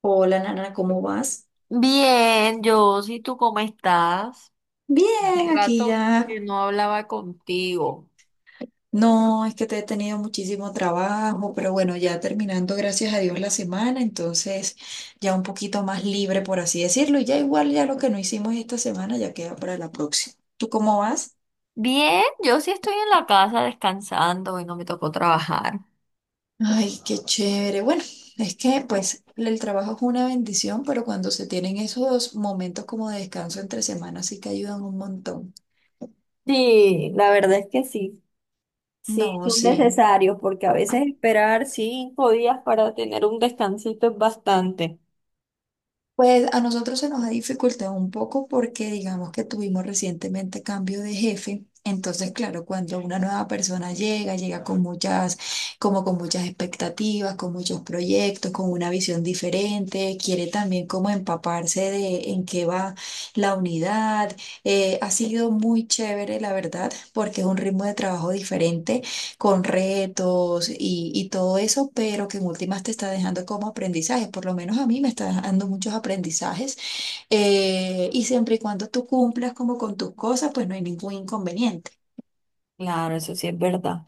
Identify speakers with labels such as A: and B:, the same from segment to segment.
A: Hola, Nana, ¿cómo vas?
B: Bien, yo, ¿y tú cómo estás? Hace
A: Bien, aquí
B: rato
A: ya.
B: que no hablaba contigo.
A: No, es que te he tenido muchísimo trabajo, pero bueno, ya terminando, gracias a Dios, la semana, entonces ya un poquito más libre, por así decirlo, y ya igual ya lo que no hicimos esta semana ya queda para la próxima. ¿Tú cómo vas?
B: Bien, yo sí estoy en la casa descansando y no me tocó trabajar.
A: Ay, qué chévere. Bueno, es que pues el trabajo es una bendición, pero cuando se tienen esos momentos como de descanso entre semanas sí que ayudan un montón.
B: Sí, la verdad es que sí, sí,
A: No,
B: son
A: sí.
B: necesarios porque a veces esperar 5 días para tener un descansito es bastante.
A: Pues a nosotros se nos ha dificultado un poco porque digamos que tuvimos recientemente cambio de jefe. Entonces, claro, cuando una nueva persona llega, llega con muchas, como con muchas expectativas, con muchos proyectos, con una visión diferente, quiere también como empaparse de en qué va la unidad. Ha sido muy chévere, la verdad, porque es un ritmo de trabajo diferente con retos y todo eso, pero que en últimas te está dejando como aprendizajes, por lo menos a mí me está dejando muchos aprendizajes, y siempre y cuando tú cumplas como con tus cosas, pues no hay ningún inconveniente.
B: Claro, eso sí es verdad.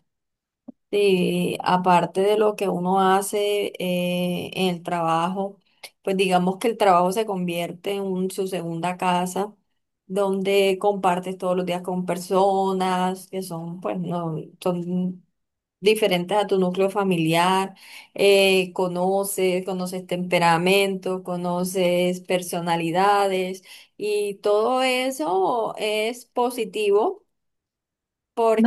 B: Sí, aparte de lo que uno hace en el trabajo, pues digamos que el trabajo se convierte en su segunda casa, donde compartes todos los días con personas que son, pues, no, son diferentes a tu núcleo familiar, conoces temperamentos, conoces personalidades y todo eso es positivo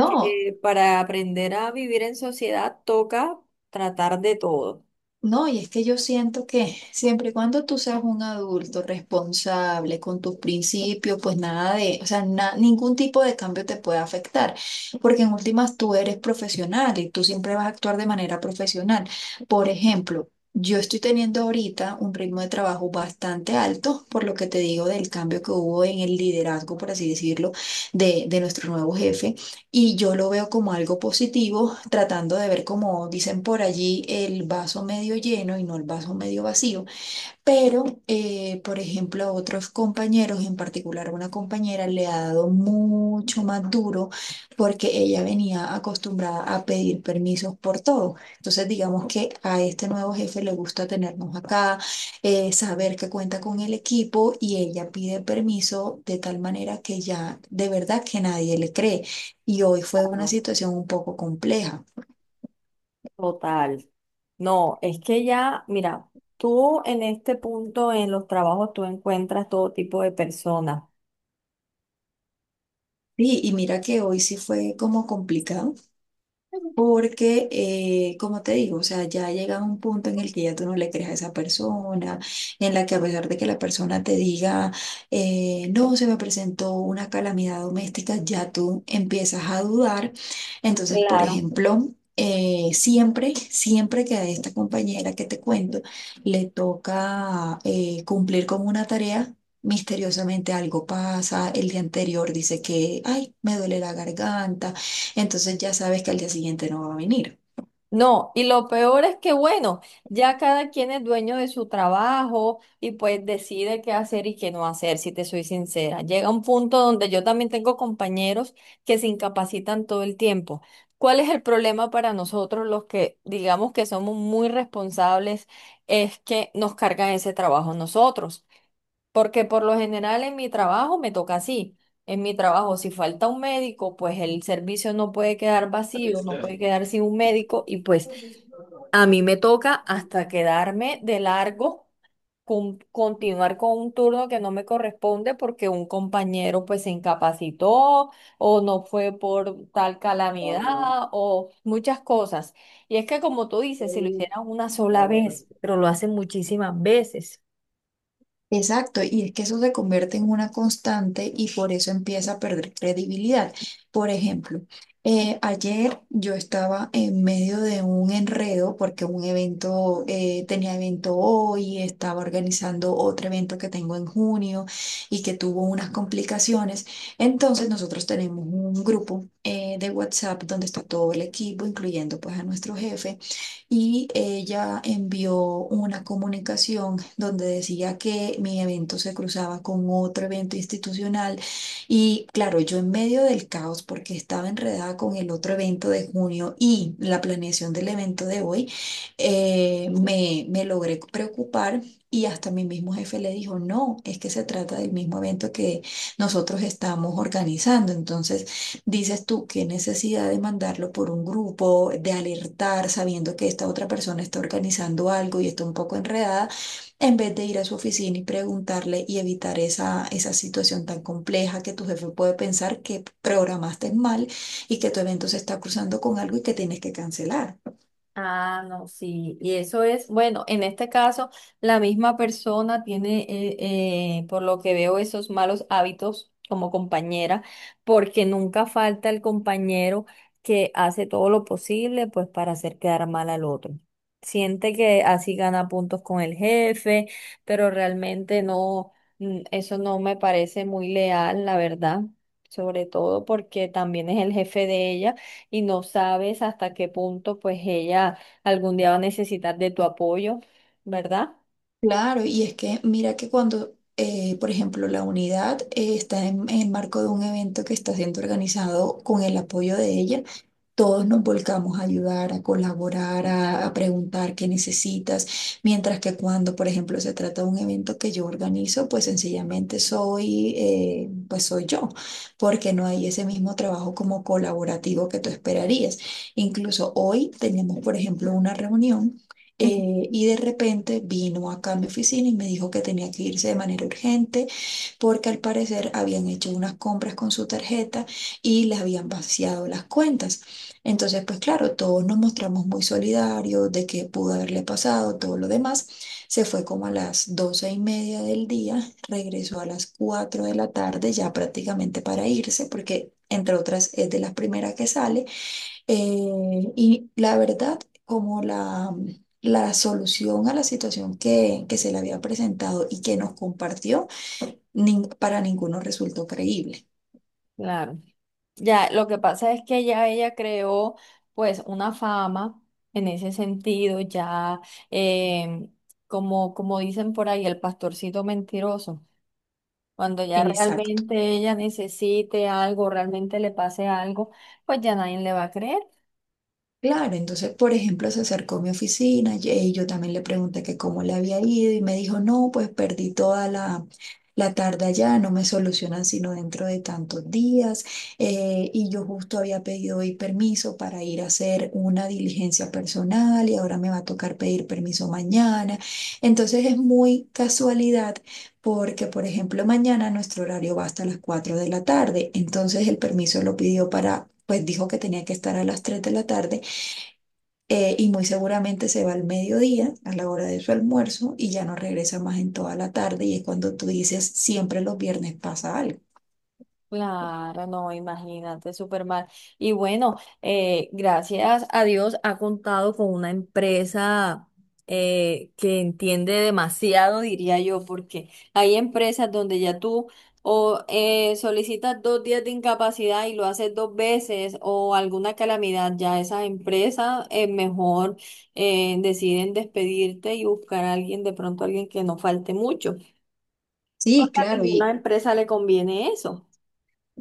A: No.
B: para aprender a vivir en sociedad toca tratar de todo.
A: No, y es que yo siento que siempre y cuando tú seas un adulto responsable con tus principios, pues nada de, o sea, na- ningún tipo de cambio te puede afectar, porque en últimas tú eres profesional y tú siempre vas a actuar de manera profesional. Por ejemplo, yo estoy teniendo ahorita un ritmo de trabajo bastante alto, por lo que te digo del cambio que hubo en el liderazgo, por así decirlo, de nuestro nuevo jefe. Y yo lo veo como algo positivo, tratando de ver, como dicen por allí, el vaso medio lleno y no el vaso medio vacío. Pero, por ejemplo, a otros compañeros, en particular una compañera, le ha dado mucho más duro porque ella venía acostumbrada a pedir permisos por todo. Entonces, digamos que a este nuevo jefe le gusta tenernos acá, saber que cuenta con el equipo y ella pide permiso de tal manera que ya de verdad que nadie le cree. Y hoy fue una
B: Claro,
A: situación un poco compleja.
B: total. No, es que ya, mira, tú en este punto en los trabajos tú encuentras todo tipo de personas.
A: Sí, y mira que hoy sí fue como complicado. Porque, como te digo, o sea, ya llega un punto en el que ya tú no le crees a esa persona, en la que a pesar de que la persona te diga, no, se me presentó una calamidad doméstica, ya tú empiezas a dudar. Entonces, por
B: Claro.
A: ejemplo, siempre, siempre que a esta compañera que te cuento le toca cumplir con una tarea, misteriosamente algo pasa, el día anterior dice que, ay, me duele la garganta, entonces ya sabes que al día siguiente no va a venir.
B: No, y lo peor es que, bueno, ya cada quien es dueño de su trabajo y pues decide qué hacer y qué no hacer, si te soy sincera. Llega un punto donde yo también tengo compañeros que se incapacitan todo el tiempo. ¿Cuál es el problema para nosotros los que digamos que somos muy responsables? Es que nos cargan ese trabajo nosotros. Porque por lo general en mi trabajo me toca así. En mi trabajo, si falta un médico, pues el servicio no puede quedar vacío, no puede quedar sin un médico y pues a mí me toca hasta quedarme de largo, continuar con un turno que no me corresponde porque un compañero pues se incapacitó o no fue por tal calamidad o muchas cosas. Y es que como tú dices, si lo hicieran una sola vez, pero lo hacen muchísimas veces.
A: Exacto, y es que eso se convierte en una constante y por eso empieza a perder credibilidad. Por ejemplo, ayer yo estaba en medio de un enredo porque un evento, tenía evento hoy, estaba organizando otro evento que tengo en junio y que tuvo unas complicaciones. Entonces nosotros tenemos un grupo de WhatsApp donde está todo el equipo, incluyendo pues a nuestro jefe. Y ella envió una comunicación donde decía que mi evento se cruzaba con otro evento institucional, y claro, yo en medio del caos porque estaba enredada con el otro evento de junio y la planeación del evento de hoy, me logré preocupar. Y hasta mi mismo jefe le dijo, no, es que se trata del mismo evento que nosotros estamos organizando. Entonces, dices tú, qué necesidad de mandarlo por un grupo, de alertar sabiendo que esta otra persona está organizando algo y está un poco enredada, en vez de ir a su oficina y preguntarle y evitar esa situación tan compleja que tu jefe puede pensar que programaste mal y que tu evento se está cruzando con algo y que tienes que cancelar.
B: Ah, no, sí, y eso es, bueno, en este caso, la misma persona tiene, por lo que veo, esos malos hábitos como compañera, porque nunca falta el compañero que hace todo lo posible, pues, para hacer quedar mal al otro. Siente que así gana puntos con el jefe, pero realmente no, eso no me parece muy leal, la verdad, sobre todo porque también es el jefe de ella y no sabes hasta qué punto pues ella algún día va a necesitar de tu apoyo, ¿verdad?
A: Claro, y es que mira que cuando, por ejemplo, la unidad está en el marco de un evento que está siendo organizado con el apoyo de ella, todos nos volcamos a ayudar, a colaborar, a preguntar qué necesitas, mientras que cuando, por ejemplo, se trata de un evento que yo organizo, pues sencillamente soy, pues soy yo, porque no hay ese mismo trabajo como colaborativo que tú esperarías. Incluso hoy tenemos, por ejemplo, una reunión.
B: Ujú.
A: Y de repente vino acá a mi oficina y me dijo que tenía que irse de manera urgente porque al parecer habían hecho unas compras con su tarjeta y les habían vaciado las cuentas. Entonces, pues claro, todos nos mostramos muy solidarios de qué pudo haberle pasado, todo lo demás. Se fue como a las doce y media del día, regresó a las cuatro de la tarde ya prácticamente para irse, porque entre otras es de las primeras que sale. Y la verdad, como la solución a la situación que se le había presentado y que nos compartió, nin- para ninguno resultó creíble.
B: Claro. Ya, lo que pasa es que ya ella creó pues una fama en ese sentido, eh, como, como dicen por ahí, el pastorcito mentiroso. Cuando ya
A: Exacto.
B: realmente ella necesite algo, realmente le pase algo, pues ya nadie le va a creer.
A: Claro, entonces, por ejemplo, se acercó a mi oficina y yo también le pregunté que cómo le había ido y me dijo, no, pues perdí toda la tarde allá, no me solucionan sino dentro de tantos días. Y yo justo había pedido hoy permiso para ir a hacer una diligencia personal y ahora me va a tocar pedir permiso mañana. Entonces es muy casualidad porque, por ejemplo, mañana nuestro horario va hasta las 4 de la tarde, entonces el permiso lo pidió para... Pues dijo que tenía que estar a las 3 de la tarde, y muy seguramente se va al mediodía, a la hora de su almuerzo, y ya no regresa más en toda la tarde, y es cuando tú dices, siempre los viernes pasa algo.
B: Claro, no, imagínate, súper mal. Y bueno, gracias a Dios ha contado con una empresa que entiende demasiado, diría yo, porque hay empresas donde ya tú o solicitas 2 días de incapacidad y lo haces 2 veces o alguna calamidad, ya esas empresas mejor deciden despedirte y buscar a alguien, de pronto alguien que no falte mucho.
A: Sí,
B: Porque a
A: claro,
B: ninguna
A: y.
B: empresa le conviene eso.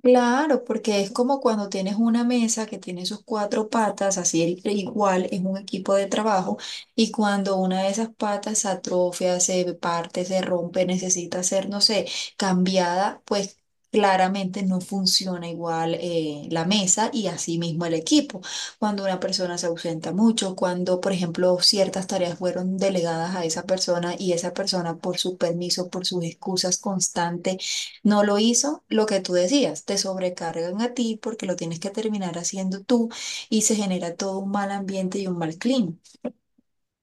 A: Claro, porque es como cuando tienes una mesa que tiene sus cuatro patas, así el- igual es un equipo de trabajo, y cuando una de esas patas se atrofia, se parte, se rompe, necesita ser, no sé, cambiada, pues claramente no funciona igual la mesa y así mismo el equipo. Cuando una persona se ausenta mucho, cuando, por ejemplo, ciertas tareas fueron delegadas a esa persona y esa persona por su permiso, por sus excusas constantes, no lo hizo, lo que tú decías, te sobrecargan a ti porque lo tienes que terminar haciendo tú y se genera todo un mal ambiente y un mal clima.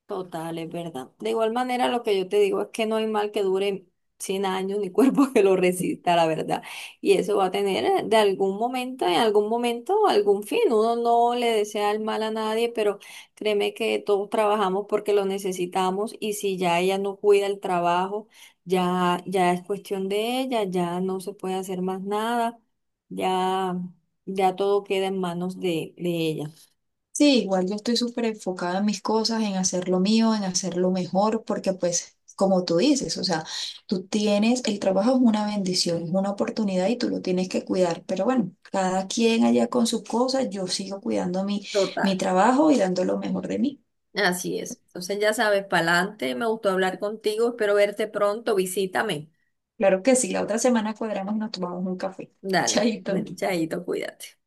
B: Total, es verdad. De igual manera, lo que yo te digo es que no hay mal que dure 100 años ni cuerpo que lo resista, la verdad. Y eso va a tener de algún momento, en algún momento, algún fin. Uno no le desea el mal a nadie, pero créeme que todos trabajamos porque lo necesitamos y si ya ella no cuida el trabajo, ya, ya es cuestión de ella, ya no se puede hacer más nada, ya, ya todo queda en manos de ella.
A: Sí, igual yo estoy súper enfocada en mis cosas, en hacer lo mío, en hacerlo mejor, porque pues, como tú dices, o sea, tú tienes, el trabajo es una bendición, es una oportunidad y tú lo tienes que cuidar, pero bueno, cada quien allá con sus cosas, yo sigo cuidando mi
B: Total.
A: trabajo y dando lo mejor de mí.
B: Así es. Entonces ya sabes, pa'lante, me gustó hablar contigo, espero verte pronto, visítame.
A: Claro que sí, la otra semana cuadramos y nos tomamos un café.
B: Dale,
A: Chaito.
B: bueno, chaito, cuídate.